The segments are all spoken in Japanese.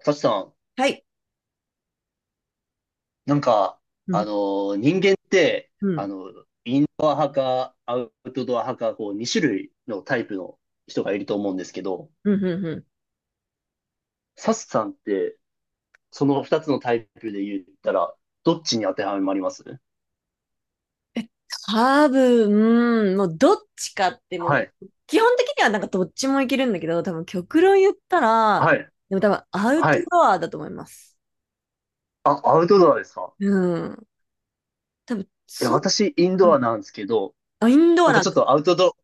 サチさん、はい。なんか、うあん、の人間って、うん、インドア派か、アウトドア派か、こう、2種類のタイプの人がいると思うんですけど、うん、うん。うん。サチさんって、その2つのタイプで言ったら、どっちに当てはまります？多分、もうどっちかってもはう、い、基本的にはなんかどっちもいけるんだけど、多分極論言ったはら、い、でも多分アウはトい。ドアだと思います。あ、アウトドアですか？うん。多分、え、そう、私、インうドん。アなんですけど、あ、インドアなんかなんちょっだ。とアウトド、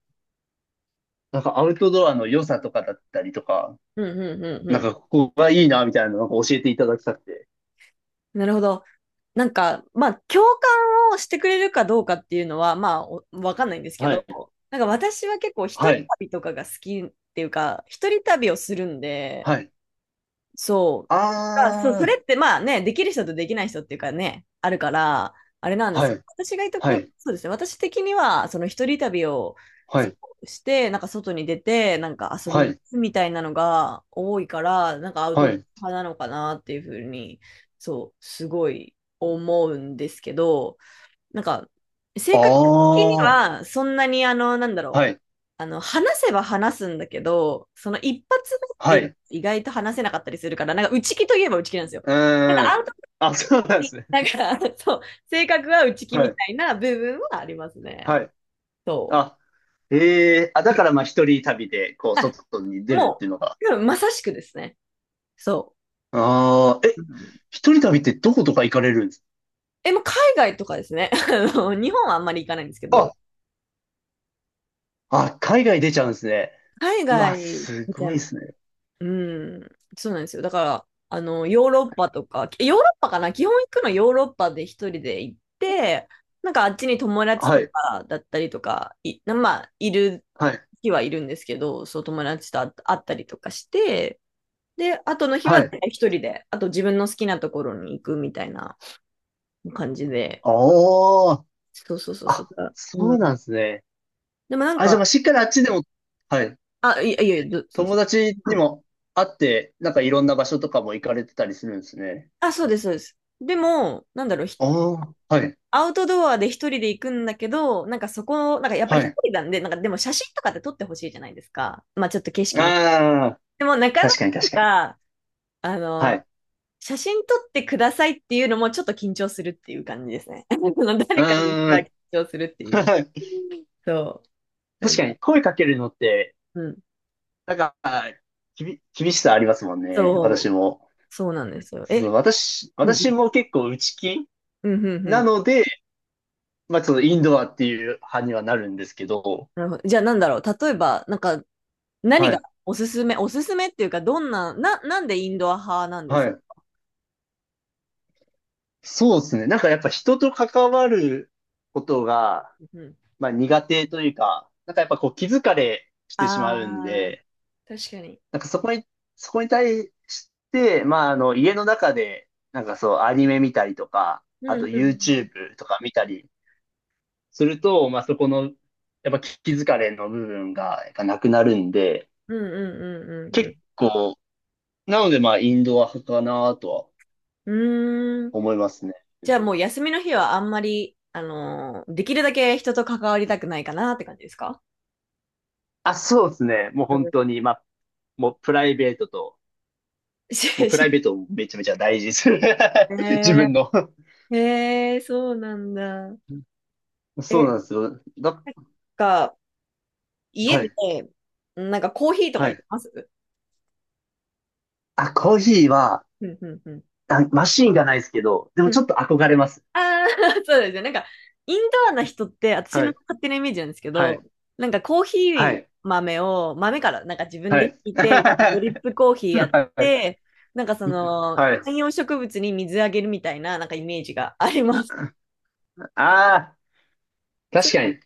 なんかアウトドアの良さとかだったりとか、うん、うん、うん、なんうかここがいいな、みたいなのなんか教えていただきたくて。ん。なるほど。なんか、まあ、共感をしてくれるかどうかっていうのは、まあ、おわかんないんですけはど、い、なんか私は結構一は人い、旅とかが好きっていうか、一人旅をするんで、はい。そう。あだから、そう、それー、ってまあね、できる人とできない人っていうかね、あるから、あれなんですはけど、い私がいたは頃、い、そうですね、私的には、その一人旅をはすい、ごくして、なんか外に出て、なんか遊びはに行い、くみたいなのが多いから、なんかアウトはドい。ア派なのかなっていうふうに、そう、すごい思うんですけど、なんか、あ性格的にあ、は、そんなに、あの、なんだろはう。い、話せば話すんだけど、その一発目はっい。てう意外と話せなかったりするから、なんか内気といえば内気なんですよ。なんーかアん。ウトプあ、そうなんでットすね。なんか、そう、性格は内気はみい、たいな部分はありますね。はい。そあ、ええ、あ、う。だからまあ一人旅で、こう、あ、外に出るってもいうのが。う、多分まさしくですね。そああ、う。え、うん。一人旅ってどことか行かれるんですもう海外とかですね。あの、日本はあんまり行かないんですけか？ど、あ、あ、海外出ちゃうんですね。海うわ、外すごいでゃすね。うん、そうなんですよ。だから、ヨーロッパとか、ヨーロッパかな、基本行くのヨーロッパで一人で行って、なんかあっちに友達はとい、かだったりとか、まあ、いるはい、日はいるんですけど、そう友達と会ったりとかして、で、後の日ははい。大体一人で、あと自分の好きなところに行くみたいな感じで、ああ、そうそうそうそう。あ、うそうん。なんですね。でもなんあ、じゃあまあか、しっかりあっちでも、はい。あ、いやいや、すみま友せ達ん。うにん。も会って、なんかいろんな場所とかも行かれてたりするんですね。あ、そうです、そうです。でも、なんだろう、ああ、はい、アウトドアで一人で行くんだけど、なんかそこ、なんかやっぱはり一い。人なんで、なんかでも写真とかって撮ってほしいじゃないですか。まあちょっと景色ね。ああ、でもなかな確かに確かに。か、あはの、い。写真撮ってくださいっていうのもちょっと緊張するっていう感じですね。う誰かーが緊ん。張するっていう。はい。そう。な確んかか、に声かけるのって、うん。なんか、厳しさありますもんね。そ私う。も。そうなんですよ。そう、私、うん、私も結構内気うん、うん、うなん。ので、まあ、そのインドアっていう派にはなるんですけど、なるほど。じゃあなんだろう。例えば、なんか、何はがい、おすすめ、おすすめっていうか、どんな、なんでインドア派なんではすい。か？そうですね。なんかやっぱ人と関わることが、うん。まあ苦手というか、なんかやっぱこう気疲れしてしまうんああ、で、確かに。なんかそこに対して、まあ家の中で、なんかそうアニメ見たりとか、あうと んうん YouTube とか見たりすると、まあそこの、やっぱ気疲れの部分がやっぱなくなるんで、うんうんうんうん結構、なのでまあインドア派かなとはうん。うーん。思いますね。じゃあもう休みの日はあんまり、できるだけ人と関わりたくないかなって感じですか？あ、そうですね。もうう本ん。当に、まあ、もうプライベートと、もうしプライしベートをめちゃめちゃ大事にする。え 自ー、分の。えー、そうなんだ。そうえ、なんですよ。なんか、家はで、い。なんかコーヒーとかは入れい。ます？あ、コーヒーは、うんうんうん。あ、マシーンがないですけど、でもちょっと憧れます。ああ、そうですよ。なんか、インドアな人って、私はのい。勝手なイメージなんですけはど、い。なんかコーヒはーい。豆を、豆から、なんか自分はでひい。い て、ドリップコーヒーやっはい。て、なんかその、はい。観葉植物に水あげるみたいな、なんかイメージがあります。ああ、そ確かに。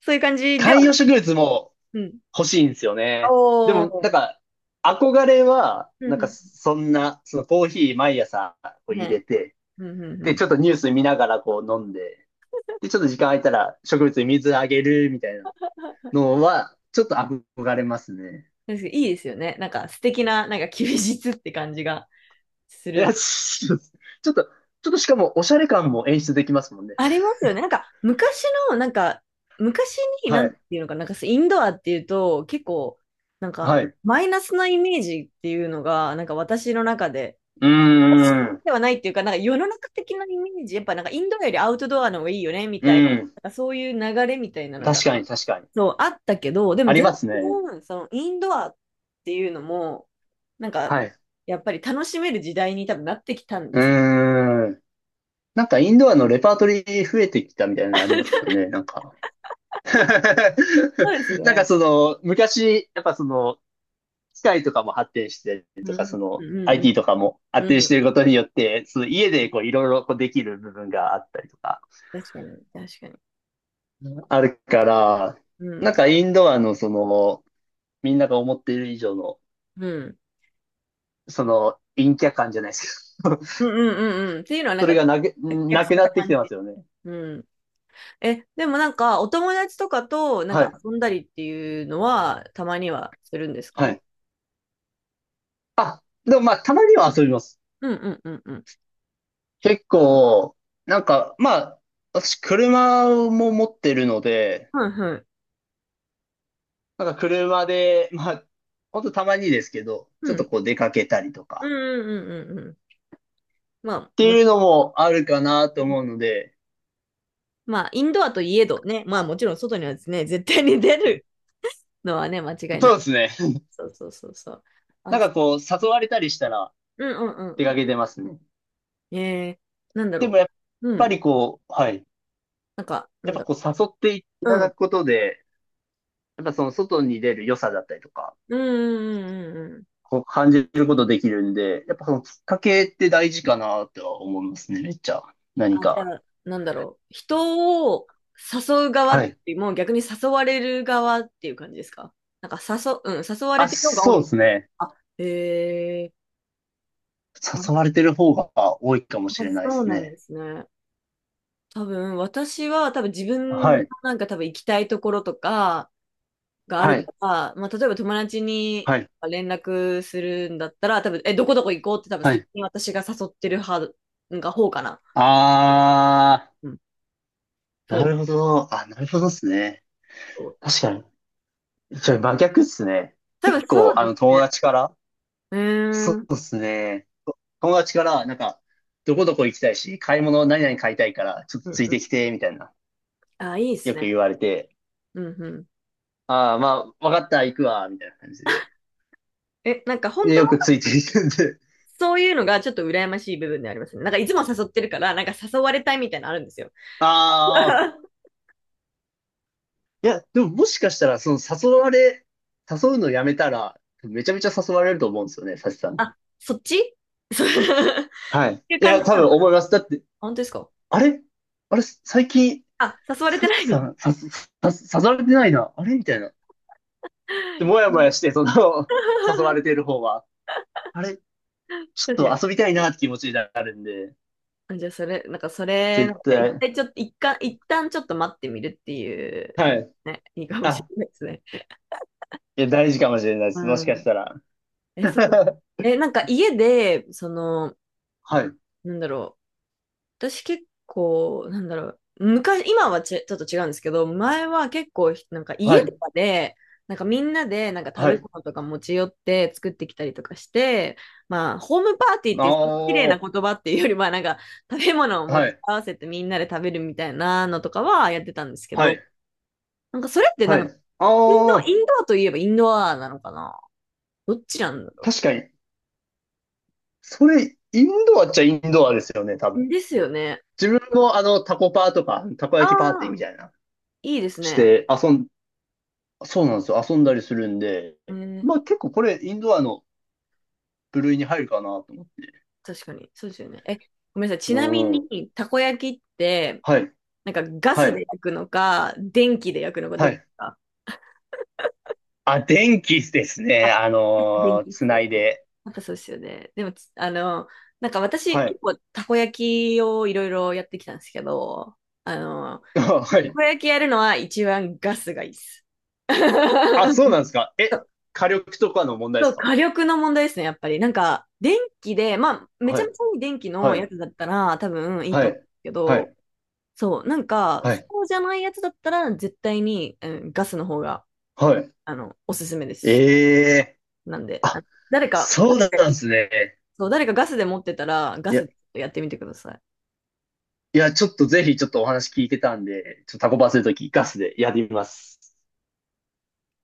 そういう感じでは観な葉い。植物もうん。欲しいんですよね。でおも、なんー。か、憧れは、うなんんうか、ん。そんな、そのコーヒー毎朝こう入れね。て、うんうんうで、ちん。ょっとニュース見ながらこう飲んで、で、ちょっと時間空いたら植物に水あげるみたいなのは、ちょっと憧れますね。ですけどいいですよね。なんか素敵な、なんか休日って感じがすいや、る。ちょっとちょっとしかも、おしゃれ感も演出できますもんね。ありますよね。なんか、昔の、なんか、昔に、なはんてい。いうのかな、なんか、インドアっていうと、結構、なんはい。か、うマイナスなイメージっていうのが、なんか私の中で、ーん。ではないっていうか、なんか世の中的なイメージ、やっぱなんかインドアよりアウトドアの方がいいよね、みうたいな、ん。なんかそういう流れみたいなのが、確かに、確かに。そう、あったけど、でもあり全ますね。然、その、インドアっていうのも、なんか、はい。やっぱり楽しめる時代に多分なってきたんでうすよ。ーん。なんか、インドアのレパートリー増えてきたみたいなのありますよ ね、なんか。そうです なんか、ね。その、昔、やっぱその、機械とかも発展してとうか、そん、うの、ん、うん。IT とかも発う展しん。ていることによって、その家でこう、いろいろこうできる部分があったりとか。確かに、確かに。あるから、うなんん。かインドアのその、みんなが思っている以上の、うん。その、陰キャ感じゃないですけど、うんうんうんうん。っていうのは なんそれか、がなく、接客なさくれなたってき感てまじ。すよね。うん。え、でもなんか、お友達とかと、なんはかい。遊んだりっていうのは、たまにはするんですはか？い。でもまあ、たまには遊びます。うんうんうんうん。結構、なんか、まあ、私、車も持ってるので、はいはい。なんか車で、まあ、ほんとたまにですけど、うちょっとん。こう出かけたりとうか、んうんうんうんうん。っまあ、ていうのもあるかなと思うので、インドアといえどね、まあもちろん外にはですね、絶対に出るのはね、間違いなそい。うですね。そうそうそうそう。なあ、んかこう、誘われたりしたらうんうん出うんかうけてますね。ん。なんだでもろやっう。うぱん。りこう、はい。なんか、なやっんぱだろこう誘っていただう。くことで、やっぱその外に出る良さだったりとか、うんうんうんうんうん。こう感じることできるんで、やっぱそのきっかけって大事かなとは思いますね、めっちゃ。何あ、じゃか。あ、なんだろう。人を誘う側っはい。ていうよりも逆に誘われる側っていう感じですか？なんかうん、誘われあ、てる方が多そいうな。ですね。あ、へえ。あ、誘われてる方が多いかもしれないでそうすなんでね。すね。多分、私は多分自分はのい。なんか多分行きたいところとかがあるはかい。ら、まあ、例えば友達にはい。連絡するんだったら、多分、どこどこ行こうって多分は先い。に私が誘ってる派、なんか方かな。あうん、ー、そなるほう。ど。あ、なるほどですね。そう。確かに。じゃ真逆っすね。多結分構、そうです友ね。達から、うーそん、ううんですね。友達から、なんか、どこどこ行きたいし、買い物何々買いたいから、ちょっとうついん。てきて、みたいな、あ、いいですよね。く言われて、うんうん。ああ、まあ、わかった、行くわ、みたいな感じで。え、なんか本で、当よくはついてきてんで、そういうのがちょっと羨ましい部分でありますね。なんかいつも誘ってるから、なんか誘われたいみたいなのあるんですよ。ああ、いや、でももしかしたら、その誘われ、誘うのやめたら、めちゃめちゃ誘われると思うんですよね、サチさん。あ、そっちそう っはい。ていうい感じや、多な分のか。思います。だって、本当ですか？あれあれ、最近、あ、誘われサてなチいみさたん、さ、さ、さ誘われてないな。あれみたいな。で、いもやな。うもん やして、その、誘われて る方は、あれち確ょかに。っと遊びたいなって気持ちになるんで、あ、じゃあ、それ、なんか、それ、絶なんか一対。回ちょっと、一旦ちょっと待ってみるっていうはのい。ね、いいかもしあ、れないですね。いや、大事かもしれないです。もうしかしん。たら。え、そこ、なんか家で、その、はい。なんだろう。私結構、なんだろう、昔、今はちょっと違うんですけど、前は結構、なんかは家とい。かで、なんかみんなで、なんか食はべい。物とか持ち寄って作ってきたりとかして、まあ、ホームパーティーっあていう、その綺麗なあ、言葉っていうよりは、なんか食べ物を持はちい。合わせてみんなで食べるみたいなのとかはやってたんですけはど、い。なんかそれってなはんか、い。ああ、インドアといえばインドアなのかな？どっちなんだろ確かに。それ、インドアっちゃインドアですよね、多う。分。ですよね。自分もタコパーとか、たこあ焼きパーティーあ、みたいな、いいですしね。て遊ん、そうなんですよ。遊んだりするんで、えーまあ結構これ、インドアの部類に入るかなと思って。確かに。そうですよね。え、ごめんなさい。ちうなみん。に、たこ焼きって、はい。なんかガはスでい。焼くのか、電気で焼くのか、どはっちい。か？あ、電気ですあ、ね。やっぱ電気っつすよなね。いで。やっぱそうですよね。でも、つあの、なんか私、はい。結構たこ焼きをいろいろやってきたんですけど、あの、あ、はたい。こ焼きやるのは一番ガスがいいです。あ、そうなん ですか。え、火力とかの問題でそすう、か？火力の問題ですね、やっぱり。なんか、電気で、まあ、めちはゃめい。ちゃいい電気のはい。やつだったら、多分いいはと思うんでい。すけはど、い。そう、なんか、はい。そうじゃないやつだったら、絶対に、うん、ガスの方が、はい。おすすめでえす。えー、なんで、あ、あ、誰か、そガうなスんで、ですね。そう、誰かガスで持ってたら、ガいや、スやってみてください。いや、ちょっとぜひちょっとお話聞いてたんで、ちょっとタコパするときガスでやってみます。